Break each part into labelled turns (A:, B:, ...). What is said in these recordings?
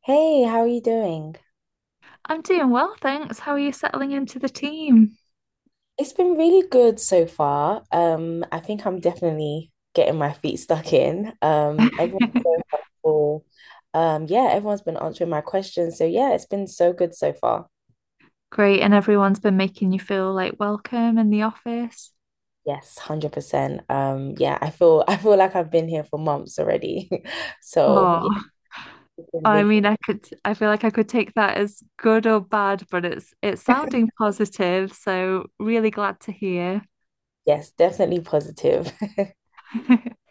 A: Hey, how are you doing?
B: I'm doing well, thanks. How are you settling into the team?
A: It's been really good so far. I think I'm definitely getting my feet stuck in. Everyone's so helpful. Yeah, Everyone's been answering my questions. So yeah, it's been so good so far.
B: Great, and everyone's been making you feel like welcome in the office.
A: Yes, 100%. Yeah, I feel I feel like I've been here for months already. So yeah,
B: Oh,
A: it's been really,
B: I could, I feel like I could take that as good or bad, but it's sounding positive, so really glad to hear.
A: yes, definitely positive.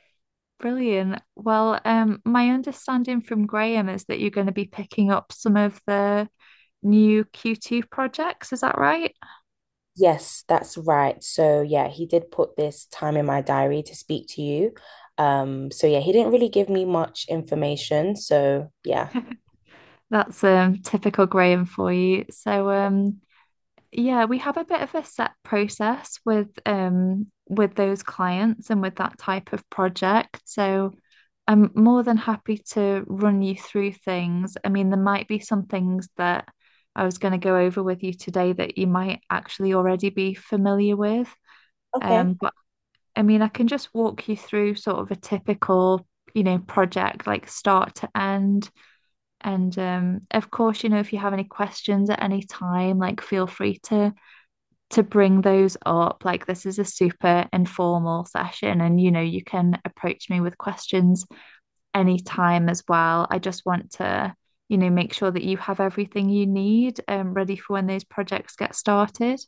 B: Brilliant. My understanding from Graham is that you're going to be picking up some of the new Q2 projects. Is that right?
A: Yes, that's right. So yeah, he did put this time in my diary to speak to you. So yeah, he didn't really give me much information. So yeah.
B: That's typical Graham for you. Yeah, we have a bit of a set process with those clients and with that type of project. So I'm more than happy to run you through things. I mean, there might be some things that I was going to go over with you today that you might actually already be familiar with.
A: Okay.
B: But I mean, I can just walk you through sort of a typical, you know, project like start to end. And Of course, you know, if you have any questions at any time, like feel free to bring those up. Like, this is a super informal session, and you know, you can approach me with questions anytime as well. I just want to, you know, make sure that you have everything you need ready for when those projects get started.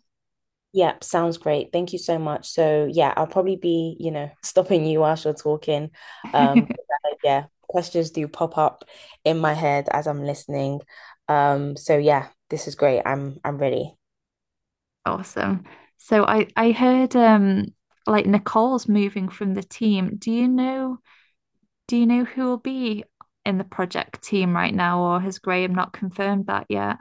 A: Yeah, sounds great. Thank you so much. So yeah, I'll probably be, stopping you whilst you're talking. Um, yeah, questions do pop up in my head as I'm listening. So yeah, this is great. I'm ready.
B: Awesome. So I heard like Nicole's moving from the team. Do you know who will be in the project team right now, or has Graham not confirmed that yet?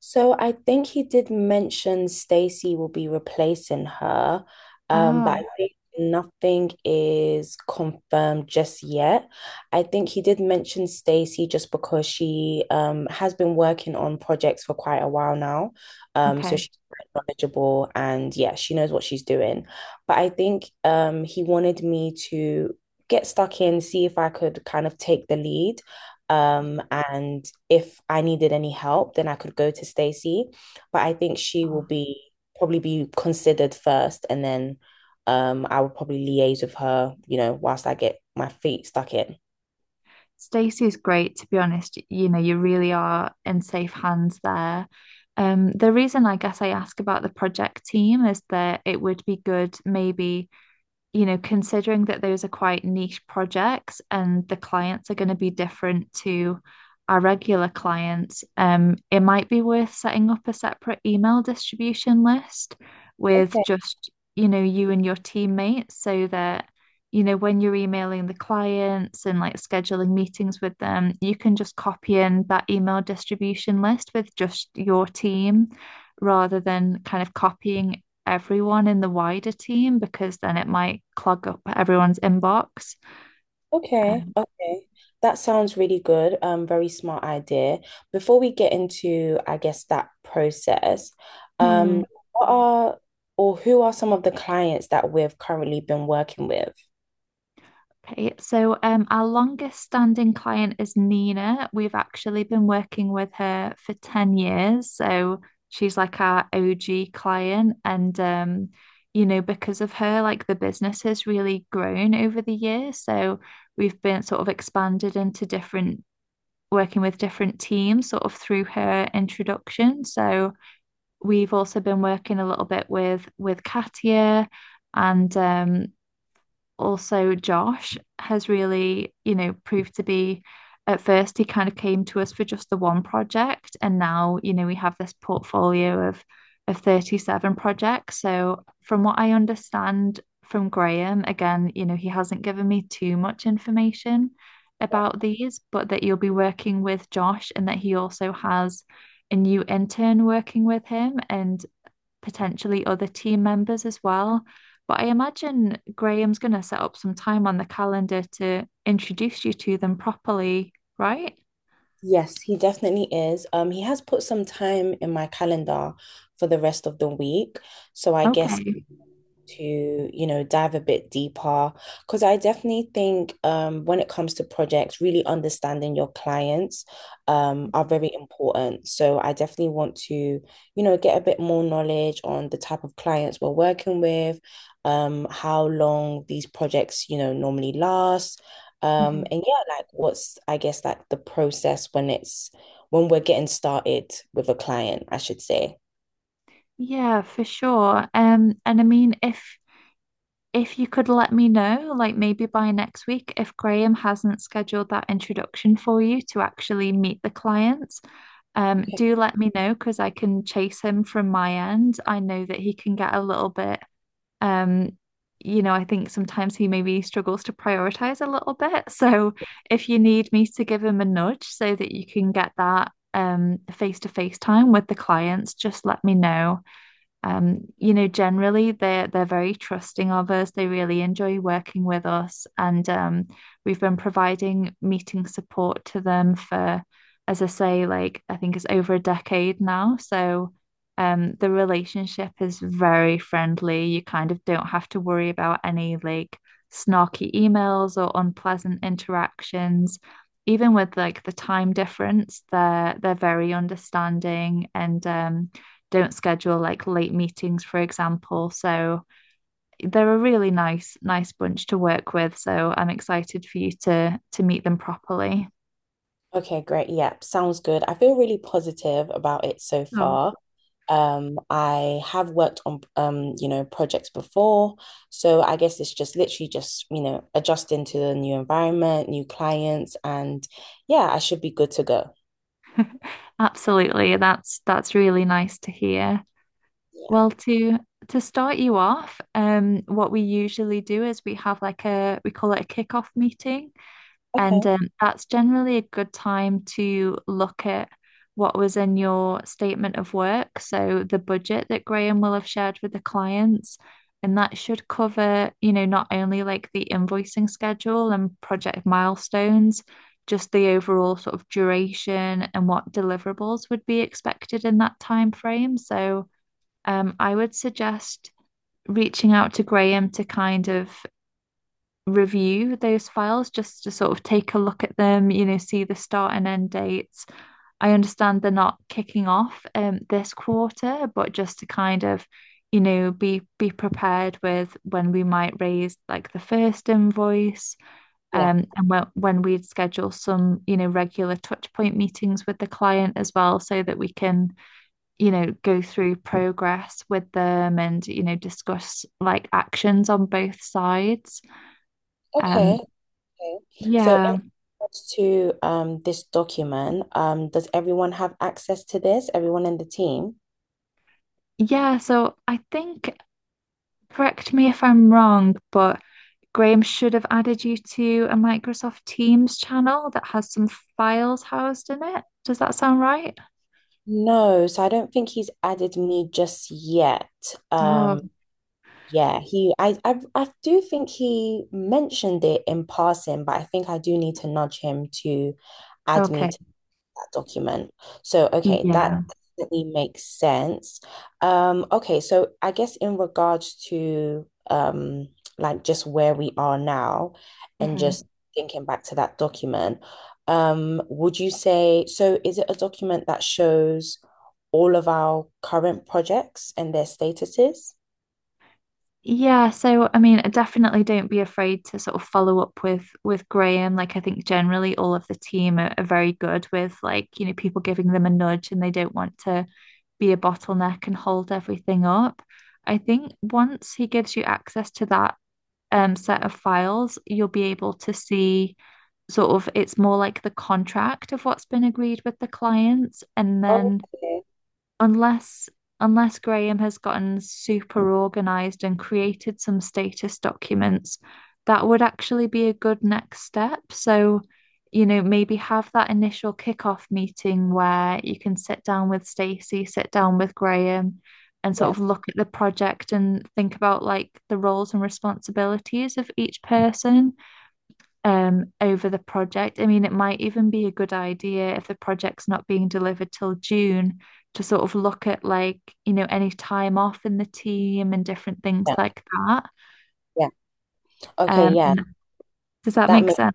A: So I think he did mention Stacy will be replacing her,
B: Oh,
A: but I think nothing is confirmed just yet. I think he did mention Stacy just because she has been working on projects for quite a while now, so
B: okay.
A: she's quite knowledgeable and yeah, she knows what she's doing. But I think he wanted me to get stuck in, see if I could kind of take the lead. And if I needed any help, then I could go to Stacey. But I think she will
B: Oh.
A: be probably be considered first, and then I will probably liaise with her, whilst I get my feet stuck in.
B: Stacey's great, to be honest. You know, you really are in safe hands there. The reason I guess I ask about the project team is that it would be good maybe you know, considering that those are quite niche projects and the clients are going to be different to our regular clients, it might be worth setting up a separate email distribution list with
A: Okay,
B: just, you know, you and your teammates so that, you know, when you're emailing the clients and like scheduling meetings with them, you can just copy in that email distribution list with just your team rather than kind of copying everyone in the wider team because then it might clog up everyone's inbox.
A: okay,
B: Um,
A: okay. That sounds really good. Very smart idea. Before we get into, I guess, that process,
B: hmm.
A: um, what are or who are some of the clients that we've currently been working with?
B: Our longest standing client is Nina. We've actually been working with her for 10 years. So she's like our OG client. You know, because of her, like the business has really grown over the years. So we've been sort of expanded into different, working with different teams sort of through her introduction. So, we've also been working a little bit with Katia and also Josh has really, you know, proved to be at first he kind of came to us for just the one project and now, you know, we have this portfolio of 37 projects. So from what I understand from Graham, again, you know, he hasn't given me too much information about these, but that you'll be working with Josh and that he also has a new intern working with him and potentially other team members as well. But I imagine Graham's going to set up some time on the calendar to introduce you to them properly, right?
A: Yes, he definitely is. He has put some time in my calendar for the rest of the week. So I guess
B: Okay.
A: to, dive a bit deeper. Because I definitely think when it comes to projects, really understanding your clients are very important. So I definitely want to, get a bit more knowledge on the type of clients we're working with, how long these projects, normally last.
B: Mhm.
A: And yeah, like what's, I guess, like the process when we're getting started with a client, I should say.
B: Yeah, for sure. And I mean, if you could let me know, like maybe by next week, if Graham hasn't scheduled that introduction for you to actually meet the clients,
A: Okay.
B: do let me know because I can chase him from my end. I know that he can get a little bit. Um, you know, I think sometimes he maybe struggles to prioritize a little bit. So if you need me to give him a nudge so that you can get that face-to-face time with the clients, just let me know. You know, generally they're very trusting of us. They really enjoy working with us, and we've been providing meeting support to them for, as I say, like I think it's over a decade now. So, the relationship is very friendly. You kind of don't have to worry about any like snarky emails or unpleasant interactions. Even with like the time difference, they're very understanding and don't schedule like late meetings, for example. So they're a really nice, nice bunch to work with. So I'm excited for you to meet them properly.
A: Okay, great. Yeah, sounds good. I feel really positive about it so
B: Oh,
A: far. I have worked on projects before, so I guess it's just literally just, adjusting to the new environment, new clients, and yeah, I should be good to go.
B: Absolutely. That's really nice to hear.
A: Yeah.
B: Well, to start you off, what we usually do is we have like a we call it a kickoff meeting. And
A: Okay.
B: That's generally a good time to look at what was in your statement of work. So the budget that Graham will have shared with the clients. And that should cover, you know, not only like the invoicing schedule and project milestones, just the overall sort of duration and what deliverables would be expected in that time frame. I would suggest reaching out to Graham to kind of review those files just to sort of take a look at them, you know, see the start and end dates. I understand they're not kicking off this quarter, but just to kind of, you know, be prepared with when we might raise like the first invoice, and when we'd schedule some, you know, regular touch point meetings with the client as well, so that we can, you know, go through progress with them and, you know, discuss like actions on both sides. Um,
A: Okay. Okay. So in
B: yeah.
A: regards to this document, does everyone have access to this? Everyone in the team?
B: Yeah. So I think, correct me if I'm wrong, but Graham should have added you to a Microsoft Teams channel that has some files housed in it. Does that sound right?
A: No, so I don't think he's added me just yet.
B: Oh,
A: Um, Yeah, he I do think he mentioned it in passing, but I think I do need to nudge him to add me
B: okay.
A: to that document. So, okay, that
B: Yeah.
A: definitely makes sense. Okay, so I guess in regards to like just where we are now and
B: Mhm.
A: just thinking back to that document, would you say so is it a document that shows all of our current projects and their statuses?
B: Yeah, so I mean, definitely don't be afraid to sort of follow up with Graham. Like I think generally all of the team are very good with like, you know, people giving them a nudge and they don't want to be a bottleneck and hold everything up. I think once he gives you access to that set of files, you'll be able to see sort of it's more like the contract of what's been agreed with the clients and then
A: Okay.
B: unless unless Graham has gotten super organized and created some status documents, that would actually be a good next step. So, you know, maybe have that initial kickoff meeting where you can sit down with Stacey, sit down with Graham, and sort of look at the project and think about like the roles and responsibilities of each person over the project. I mean, it might even be a good idea if the project's not being delivered till June to sort of look at like, you know, any time off in the team and different things
A: Yeah,
B: like that.
A: yeah. Okay,
B: Um,
A: yeah.
B: and does that
A: That
B: make
A: makes
B: sense?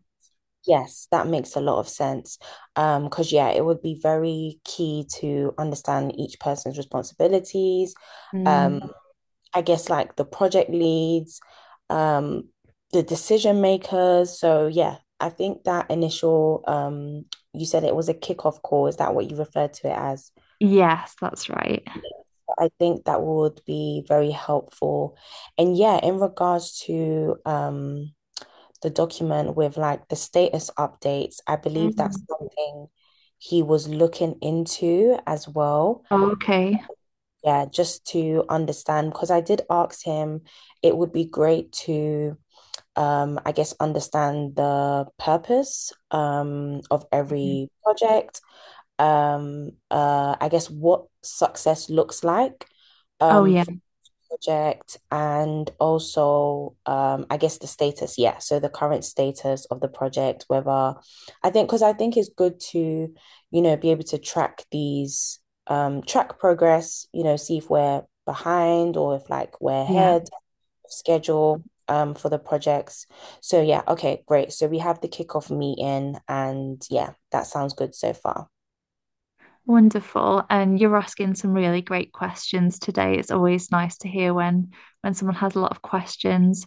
A: Yes, that makes a lot of sense. Because yeah, it would be very key to understand each person's responsibilities.
B: Mm.
A: Um, I guess like the project leads, um, the decision makers. So yeah, I think that initial you said it was a kickoff call. Is that what you referred to it as?
B: Yes, that's right.
A: Yes. I think that would be very helpful. And yeah, in regards to the document with like the status updates. I believe that's
B: Mm.
A: something he was looking into as well.
B: Oh, okay.
A: Yeah, just to understand, because I did ask him, it would be great to, I guess, understand the purpose of
B: Mhm.
A: every project. I guess what success looks like
B: Oh, yeah.
A: for project and also I guess the status, yeah. So the current status of the project, whether I think because I think it's good to, be able to track these track progress, see if we're behind or if like we're
B: Yeah.
A: ahead schedule for the projects. So yeah, okay, great. So we have the kickoff meeting and yeah, that sounds good so far.
B: Wonderful. And you're asking some really great questions today. It's always nice to hear when someone has a lot of questions.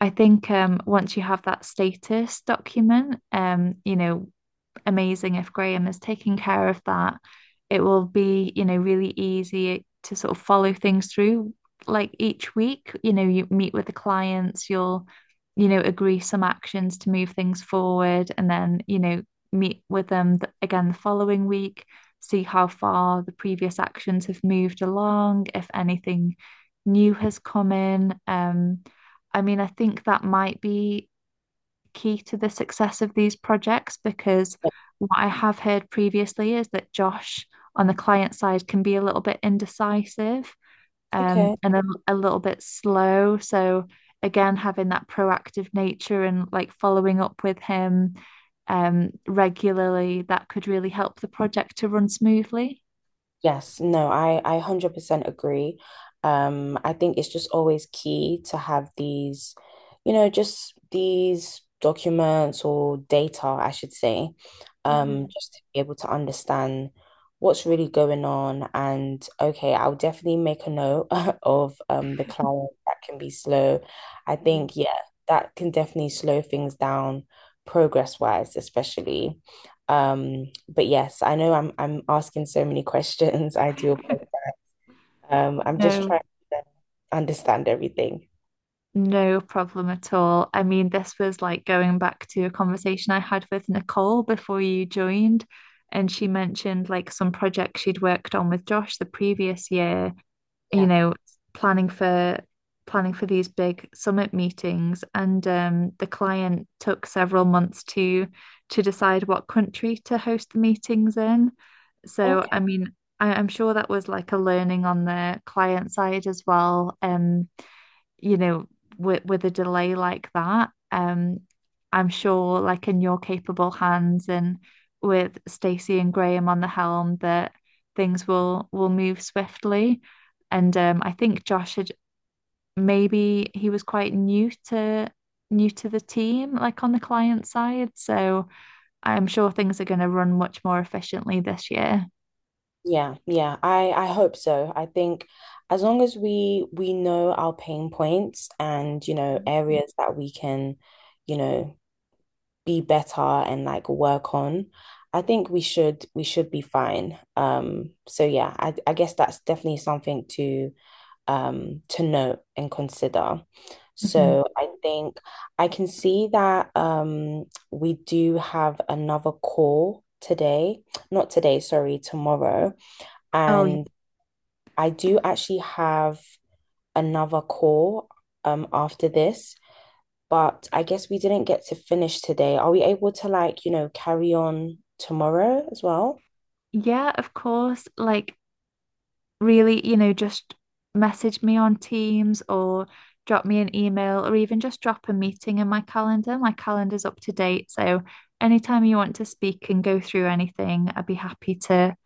B: I think once you have that status document, you know, amazing if Graham is taking care of that. It will be, you know, really easy to sort of follow things through. Like each week, you know, you meet with the clients, you'll, you know, agree some actions to move things forward, and then, you know, meet with them again the following week, see how far the previous actions have moved along, if anything new has come in. I mean, I think that might be key to the success of these projects because what I have heard previously is that Josh on the client side can be a little bit indecisive
A: Okay.
B: and a little bit slow. So, again, having that proactive nature and like following up with him regularly, that could really help the project to run smoothly.
A: Yes, no, I 100% agree. I think it's just always key to have these, just these documents or data, I should say,
B: Mm.
A: just to be able to understand what's really going on. And okay, I'll definitely make a note of the client that can be slow. I think, yeah, that can definitely slow things down progress-wise, especially. But yes, I know I'm asking so many questions. I do. I'm just
B: No,
A: trying to understand everything.
B: No problem at all. I mean, this was like going back to a conversation I had with Nicole before you joined, and she mentioned like some projects she'd worked on with Josh the previous year, you
A: Yeah.
B: know, planning for planning for these big summit meetings, and the client took several months to decide what country to host the meetings in. So,
A: Okay.
B: I mean, I'm sure that was like a learning on the client side as well. You know, with a delay like that, I'm sure like in your capable hands and with Stacey and Graham on the helm that things will move swiftly. And I think Josh had maybe he was quite new to the team, like on the client side. So I'm sure things are going to run much more efficiently this year.
A: Yeah, yeah. I hope so. I think as long as we know our pain points and you know areas that we can, you know, be better and like work on, I think we should be fine. So yeah, I guess that's definitely something to note and consider.
B: Mhm.
A: So I think I can see that we do have another call today, not today, sorry, tomorrow.
B: Oh,
A: And I do actually have another call after this, but I guess we didn't get to finish today. Are we able to like, carry on tomorrow as well?
B: yeah, of course. Like really, you know, just message me on Teams or drop me an email or even just drop a meeting in my calendar. My calendar's up to date. So anytime you want to speak and go through anything, I'd be happy to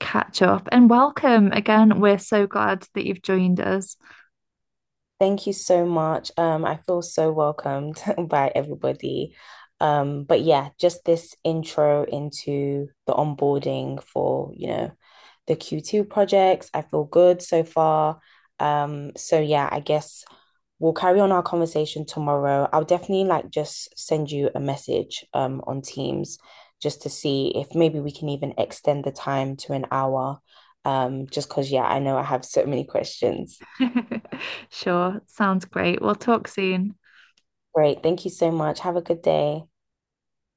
B: catch up. And welcome again. We're so glad that you've joined us.
A: Thank you so much. I feel so welcomed by everybody. But yeah, just this intro into the onboarding for, the Q2 projects. I feel good so far. So yeah, I guess we'll carry on our conversation tomorrow. I'll definitely like just send you a message on Teams just to see if maybe we can even extend the time to an hour. Just because yeah, I know I have so many questions.
B: Sure, sounds great. We'll talk soon.
A: Great. Thank you so much. Have a good day.